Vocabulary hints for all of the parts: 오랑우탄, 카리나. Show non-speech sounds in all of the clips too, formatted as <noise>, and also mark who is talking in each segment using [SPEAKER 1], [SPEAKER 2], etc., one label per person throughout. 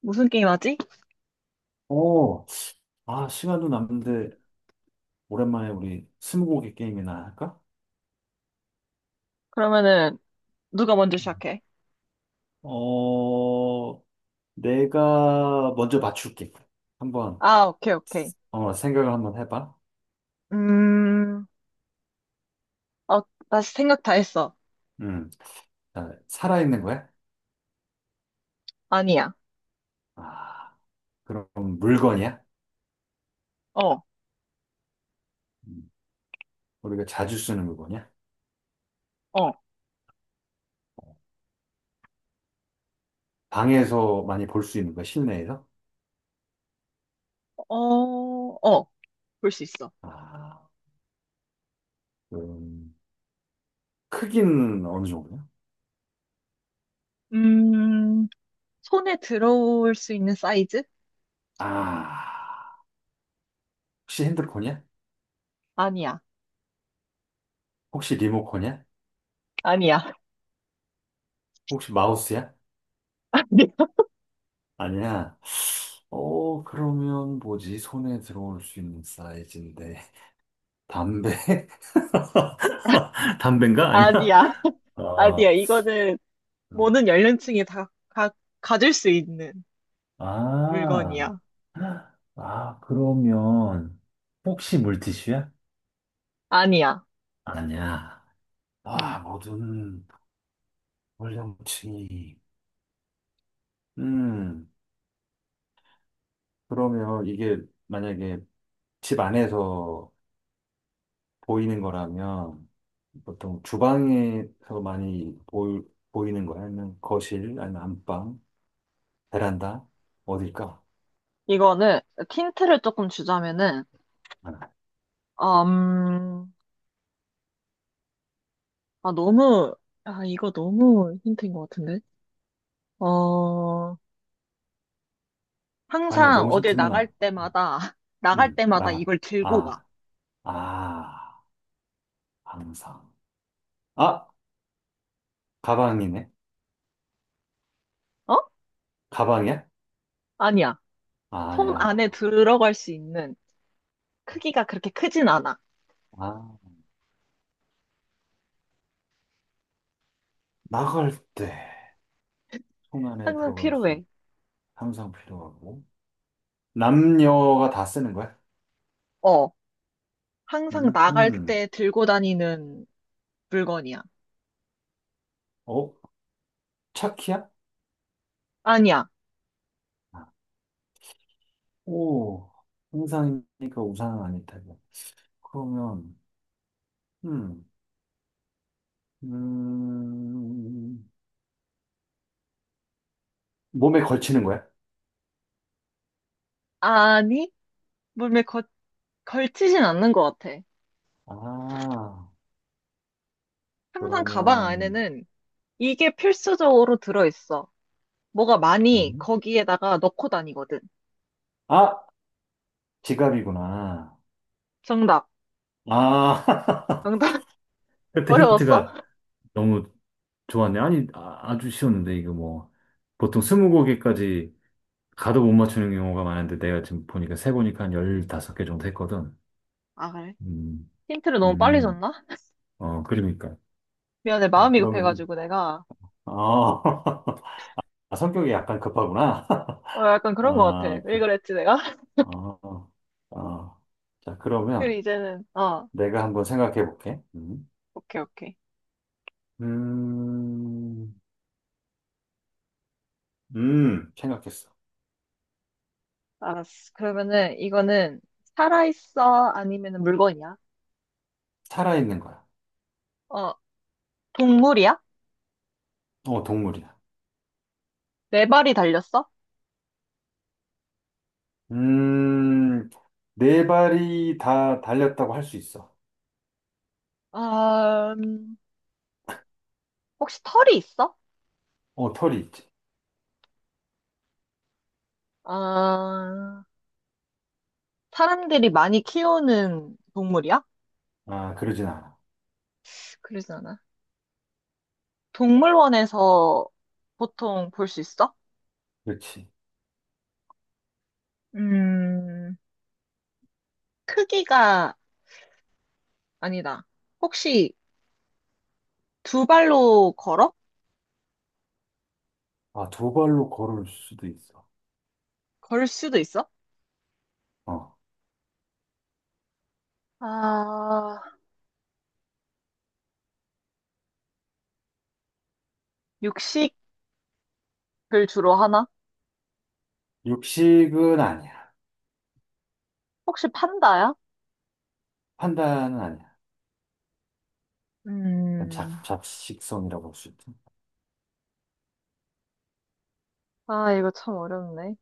[SPEAKER 1] 무슨 게임 하지?
[SPEAKER 2] 어, 시간도 남는데, 오랜만에 우리 스무고개 게임이나 할까?
[SPEAKER 1] 그러면은 누가 먼저
[SPEAKER 2] 음.
[SPEAKER 1] 시작해?
[SPEAKER 2] 어, 내가 먼저 맞출게. 한번,
[SPEAKER 1] 아, 오케이, 오케이.
[SPEAKER 2] 생각을 한번 해봐.
[SPEAKER 1] 음, 어, 나 생각 다 했어.
[SPEAKER 2] 음, 자, 살아있는 거야?
[SPEAKER 1] 아니야.
[SPEAKER 2] 아, 그럼 물건이야?
[SPEAKER 1] 어,
[SPEAKER 2] 음, 우리가 자주 쓰는 물건이야?
[SPEAKER 1] 어,
[SPEAKER 2] 방에서 많이 볼 수 있는 거야, 실내에서?
[SPEAKER 1] 어, 어, 볼 수 있어.
[SPEAKER 2] 아, 그럼, 크기는 어느 정도야?
[SPEAKER 1] 음, 손에 들어올 수 있는 사이즈?
[SPEAKER 2] 아, 혹시 핸드폰이야?
[SPEAKER 1] 아니야.
[SPEAKER 2] 혹시 리모컨이야?
[SPEAKER 1] 아니야.
[SPEAKER 2] 혹시 마우스야?
[SPEAKER 1] <laughs>
[SPEAKER 2] 아니야. 그러면 뭐지? 손에 들어올 수 있는 사이즈인데. 담배? <laughs> 담배인가? 아니야?
[SPEAKER 1] 아니야. 아니야.
[SPEAKER 2] 아,
[SPEAKER 1] 아니야. 이거는
[SPEAKER 2] 음.
[SPEAKER 1] 모든 연령층이 다 가질 수 있는
[SPEAKER 2] 아,
[SPEAKER 1] 물건이야.
[SPEAKER 2] 그러면 혹시 물티슈야?
[SPEAKER 1] 아니야.
[SPEAKER 2] 아니야.
[SPEAKER 1] 음.
[SPEAKER 2] 모든 연령층이. 음, 그러면 이게 만약에 집 안에서 보이는 거라면 보통 주방에서 많이 보이는 거야? 아니면 거실, 아니면 안방, 베란다? 어딜까?
[SPEAKER 1] 이거는 힌트를 조금 주자면은,
[SPEAKER 2] 아,
[SPEAKER 1] 음, 아, 너무, 이거 너무 힌트인 것 같은데? 어,
[SPEAKER 2] 아니야,
[SPEAKER 1] 항상
[SPEAKER 2] 너무
[SPEAKER 1] 어딜
[SPEAKER 2] 힌트면
[SPEAKER 1] 나갈
[SPEAKER 2] 안,
[SPEAKER 1] 때마다, <laughs> 나갈
[SPEAKER 2] 응
[SPEAKER 1] 때마다
[SPEAKER 2] 나가.
[SPEAKER 1] 이걸 들고 가.
[SPEAKER 2] 아, 아, 항상. 아, 가방이네.
[SPEAKER 1] 어?
[SPEAKER 2] 가방이야?
[SPEAKER 1] 아니야. 손
[SPEAKER 2] 아니야.
[SPEAKER 1] 안에 들어갈 수 있는 크기가 그렇게 크진 않아.
[SPEAKER 2] 아, 나갈 때 손 안에
[SPEAKER 1] 항상
[SPEAKER 2] 들어갈 수 있,
[SPEAKER 1] 필요해.
[SPEAKER 2] 항상 필요하고. 남녀가 다 쓰는 거야?
[SPEAKER 1] 어, 항상
[SPEAKER 2] 음,
[SPEAKER 1] 나갈
[SPEAKER 2] 음.
[SPEAKER 1] 때 들고 다니는 물건이야.
[SPEAKER 2] 어? 차키야?
[SPEAKER 1] 아니야.
[SPEAKER 2] 아, 오, 형상이니까 우산은 아닐 테고. 그러면, 음, 음, 몸에 걸치는 거야?
[SPEAKER 1] 아니, 몸에 걸치진 않는 것 같아.
[SPEAKER 2] 아,
[SPEAKER 1] 항상 가방
[SPEAKER 2] 그러면,
[SPEAKER 1] 안에는 이게 필수적으로 들어있어. 뭐가 많이
[SPEAKER 2] 몸?
[SPEAKER 1] 거기에다가 넣고 다니거든.
[SPEAKER 2] 아, 지갑이구나.
[SPEAKER 1] 정답.
[SPEAKER 2] 아, <laughs>
[SPEAKER 1] 정답 <laughs>
[SPEAKER 2] 그때
[SPEAKER 1] 어려웠어?
[SPEAKER 2] 힌트가 너무 좋았네. 아니, 주 쉬웠는데, 이거 뭐. 보통 스무 곡에까지 가도 못 맞추는 경우가 많은데, 내가 지금 보니까 세 보니까 한
[SPEAKER 1] 네.
[SPEAKER 2] 15개 정도 했거든.
[SPEAKER 1] 아, 그래?
[SPEAKER 2] 음,
[SPEAKER 1] 힌트를 너무 빨리
[SPEAKER 2] 음,
[SPEAKER 1] 줬나?
[SPEAKER 2] 그러니까.
[SPEAKER 1] 미안해,
[SPEAKER 2] 자,
[SPEAKER 1] 마음이
[SPEAKER 2] 그러면,
[SPEAKER 1] 급해가지고 내가.
[SPEAKER 2] 어, <laughs> 성격이 약간 급하구나.
[SPEAKER 1] 어, 약간
[SPEAKER 2] <laughs>
[SPEAKER 1] 그런 것 같아.
[SPEAKER 2] 아,
[SPEAKER 1] 왜
[SPEAKER 2] 그,
[SPEAKER 1] 그랬지, 내가? <laughs>
[SPEAKER 2] 어, 어. 자, 그러면
[SPEAKER 1] 그리고 이제는,
[SPEAKER 2] 내가 한번 생각해 볼게.
[SPEAKER 1] 오케이, 오케이.
[SPEAKER 2] 음, 생각했어.
[SPEAKER 1] 알았어. 그러면은 이거는 살아있어? 아니면 물건이야?
[SPEAKER 2] 살아있는 거야.
[SPEAKER 1] 어, 동물이야?
[SPEAKER 2] 동물이야.
[SPEAKER 1] 네 발이 달렸어?
[SPEAKER 2] 음, 네 발이 다 달렸다고 할 수 있어.
[SPEAKER 1] 아, 음, 혹시 털이 있어?
[SPEAKER 2] 털이 있지.
[SPEAKER 1] 아, 사람들이 많이 키우는 동물이야?
[SPEAKER 2] 그러진 않아.
[SPEAKER 1] 그러지 않아. 동물원에서 보통 볼 수 있어?
[SPEAKER 2] 그렇지.
[SPEAKER 1] 음, 크기가 아니다. 혹시 두 발로 걸어?
[SPEAKER 2] 두 발로 걸을 수도 있어.
[SPEAKER 1] 걸 수도 있어?
[SPEAKER 2] 어,
[SPEAKER 1] 아, 육식을 주로 하나?
[SPEAKER 2] 육식은 아니야.
[SPEAKER 1] 혹시 판다야?
[SPEAKER 2] 판다는 아니야. 약간
[SPEAKER 1] 음,
[SPEAKER 2] 잡식성이라고 할 수 있지. 응?
[SPEAKER 1] 이거 참 어렵네.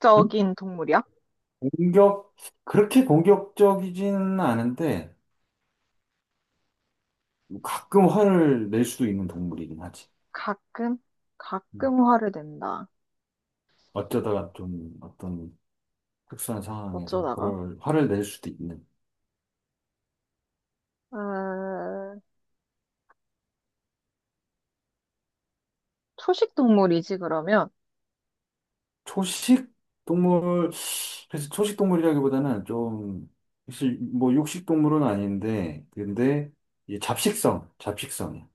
[SPEAKER 1] 공격적인 동물이야?
[SPEAKER 2] 공격, 그렇게 공격적이지는 않은데, 뭐 가끔 화를 낼 수도 있는 동물이긴 하지.
[SPEAKER 1] 가끔?
[SPEAKER 2] 음.
[SPEAKER 1] 가끔 화를 낸다.
[SPEAKER 2] 어쩌다가 좀 어떤 특수한 상황에서
[SPEAKER 1] 어쩌다가?
[SPEAKER 2] 그럴 화를 낼 수도 있는.
[SPEAKER 1] 아, 초식 동물이지, 그러면?
[SPEAKER 2] 초식 동물, 그래서 초식 동물이라기보다는 좀, 사실 뭐 육식 동물은 아닌데, 근데 이 잡식성이야.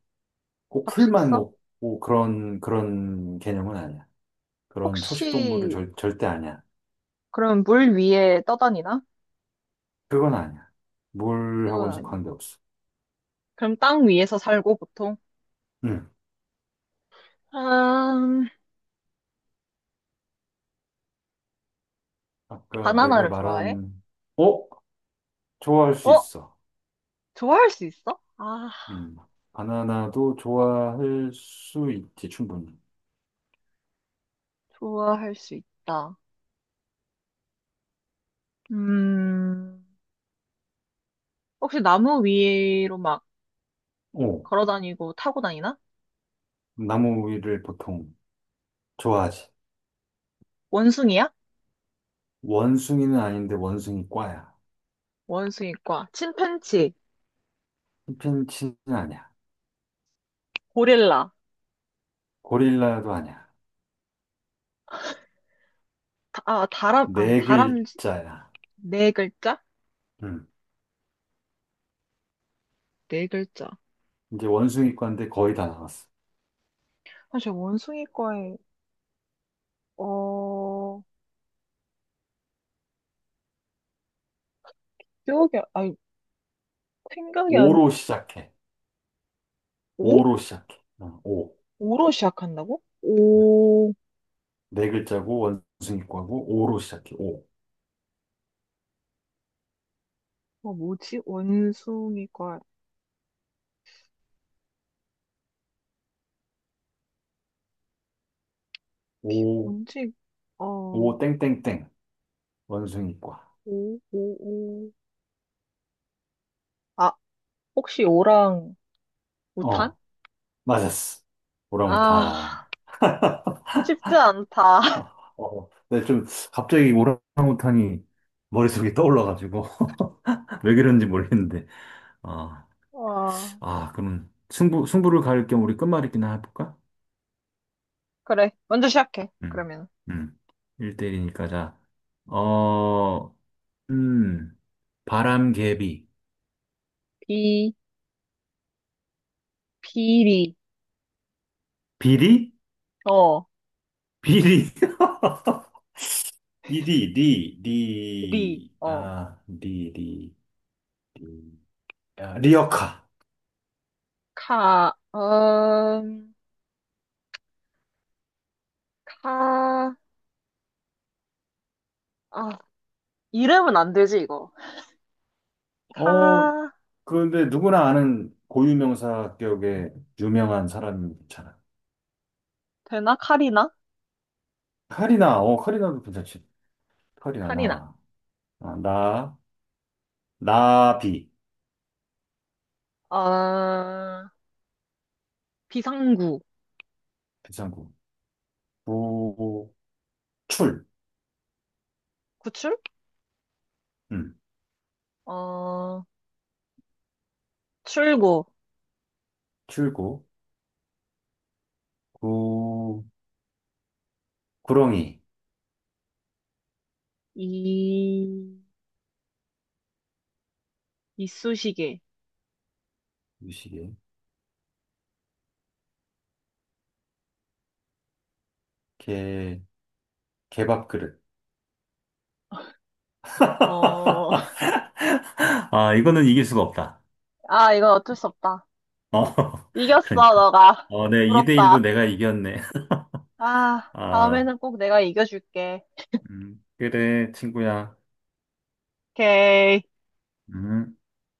[SPEAKER 2] 꼭 풀만
[SPEAKER 1] 잡식성?
[SPEAKER 2] 먹고 그런 개념은 아니야. 그런 초식 동물은
[SPEAKER 1] 혹시,
[SPEAKER 2] 절대 아니야.
[SPEAKER 1] 그럼 물 위에 떠다니나?
[SPEAKER 2] 그건 아니야.
[SPEAKER 1] 그건
[SPEAKER 2] 물하고는
[SPEAKER 1] 아니.
[SPEAKER 2] 관계없어.
[SPEAKER 1] 그럼 땅 위에서 살고 보통?
[SPEAKER 2] 응.
[SPEAKER 1] 아,
[SPEAKER 2] 아까 내가
[SPEAKER 1] 바나나를 좋아해?
[SPEAKER 2] 말한, 어? 좋아할 수
[SPEAKER 1] 어?
[SPEAKER 2] 있어.
[SPEAKER 1] 좋아할 수 있어? 아,
[SPEAKER 2] 음. 바나나도 좋아할 수 있지, 충분히.
[SPEAKER 1] 좋아할 수 있다. 음, 혹시 나무 위로 막
[SPEAKER 2] 오.
[SPEAKER 1] 걸어 다니고 타고 다니나?
[SPEAKER 2] 나무 위를 보통 좋아하지.
[SPEAKER 1] 원숭이야?
[SPEAKER 2] 원숭이는 아닌데 원숭이 과야.
[SPEAKER 1] 원숭이과, 침팬치,
[SPEAKER 2] chimpanzee는 아니야.
[SPEAKER 1] 고릴라,
[SPEAKER 2] 고릴라도 아니야.
[SPEAKER 1] 아니,
[SPEAKER 2] 네
[SPEAKER 1] 다람쥐?
[SPEAKER 2] 글자야.
[SPEAKER 1] 네 글자?
[SPEAKER 2] 음.
[SPEAKER 1] 네 글자.
[SPEAKER 2] 이제 원숭이과인데 거의 다 나왔어.
[SPEAKER 1] 사실 원숭이과에, 어, 기억이, 아니, 생각이 안,
[SPEAKER 2] 오로 시작해.
[SPEAKER 1] 오?
[SPEAKER 2] 오로 시작해. 오.
[SPEAKER 1] 오로 시작한다고? 오,
[SPEAKER 2] 네 글자고 원숭이과고 오로 시작해. 오.
[SPEAKER 1] 뭐지? 원숭이과,
[SPEAKER 2] 오,
[SPEAKER 1] 뭔지,
[SPEAKER 2] 오,
[SPEAKER 1] 어,
[SPEAKER 2] 땡땡땡. 원숭이과.
[SPEAKER 1] 오, 오, 오. 아, 혹시 오랑 우탄?
[SPEAKER 2] 어, 맞았어. 오랑우탄.
[SPEAKER 1] 아, 쉽지 않다.
[SPEAKER 2] 어,
[SPEAKER 1] <laughs>
[SPEAKER 2] 근데 좀 갑자기 오랑우탄이 머릿속에 떠올라가지고 <laughs> 왜 그런지 모르겠는데. 어,
[SPEAKER 1] 와,
[SPEAKER 2] 그럼 승부를 가릴 겸 우리 끝말잇기나 해볼까?
[SPEAKER 1] 그래, 먼저 시작해.
[SPEAKER 2] 음,
[SPEAKER 1] 그러면.
[SPEAKER 2] 음, 1대1이니까 자, 어, 음, 바람개비,
[SPEAKER 1] 비, 비리,
[SPEAKER 2] 비리,
[SPEAKER 1] 어,
[SPEAKER 2] 비리, <laughs> 비리, 리,
[SPEAKER 1] 리,
[SPEAKER 2] 리, 아, 리, 리, 리, 아, 리어카.
[SPEAKER 1] 카, 카, 아, 이름은 안 되지, 이거.
[SPEAKER 2] 어,
[SPEAKER 1] 카,
[SPEAKER 2] 그런데 누구나 아는 고유명사 격의 유명한 사람이면 괜찮아.
[SPEAKER 1] 되나? 카리나?
[SPEAKER 2] 카리나, 카리나도 괜찮지. 카리나,
[SPEAKER 1] 카리나,
[SPEAKER 2] 나, 아, 나, 나비,
[SPEAKER 1] 어, 비상구,
[SPEAKER 2] 괜찮고. 구, 출,
[SPEAKER 1] 구출?
[SPEAKER 2] 음,
[SPEAKER 1] 어, 출구,
[SPEAKER 2] 출구, 구, 구렁이,
[SPEAKER 1] 이, 이쑤시개,
[SPEAKER 2] 유시개, 개, 개밥 그릇.
[SPEAKER 1] 어,
[SPEAKER 2] <laughs> 이거는 이길 수가 없다.
[SPEAKER 1] 아, 이건 어쩔 수 없다.
[SPEAKER 2] 어, <laughs>
[SPEAKER 1] 이겼어,
[SPEAKER 2] 그러니까.
[SPEAKER 1] 너가.
[SPEAKER 2] 네, 2대1로
[SPEAKER 1] 부럽다.
[SPEAKER 2] 내가 이겼네. <laughs>
[SPEAKER 1] 아,
[SPEAKER 2] 아,
[SPEAKER 1] 다음에는 꼭 내가 이겨줄게.
[SPEAKER 2] 그래, 친구야.
[SPEAKER 1] 오케이.
[SPEAKER 2] 음.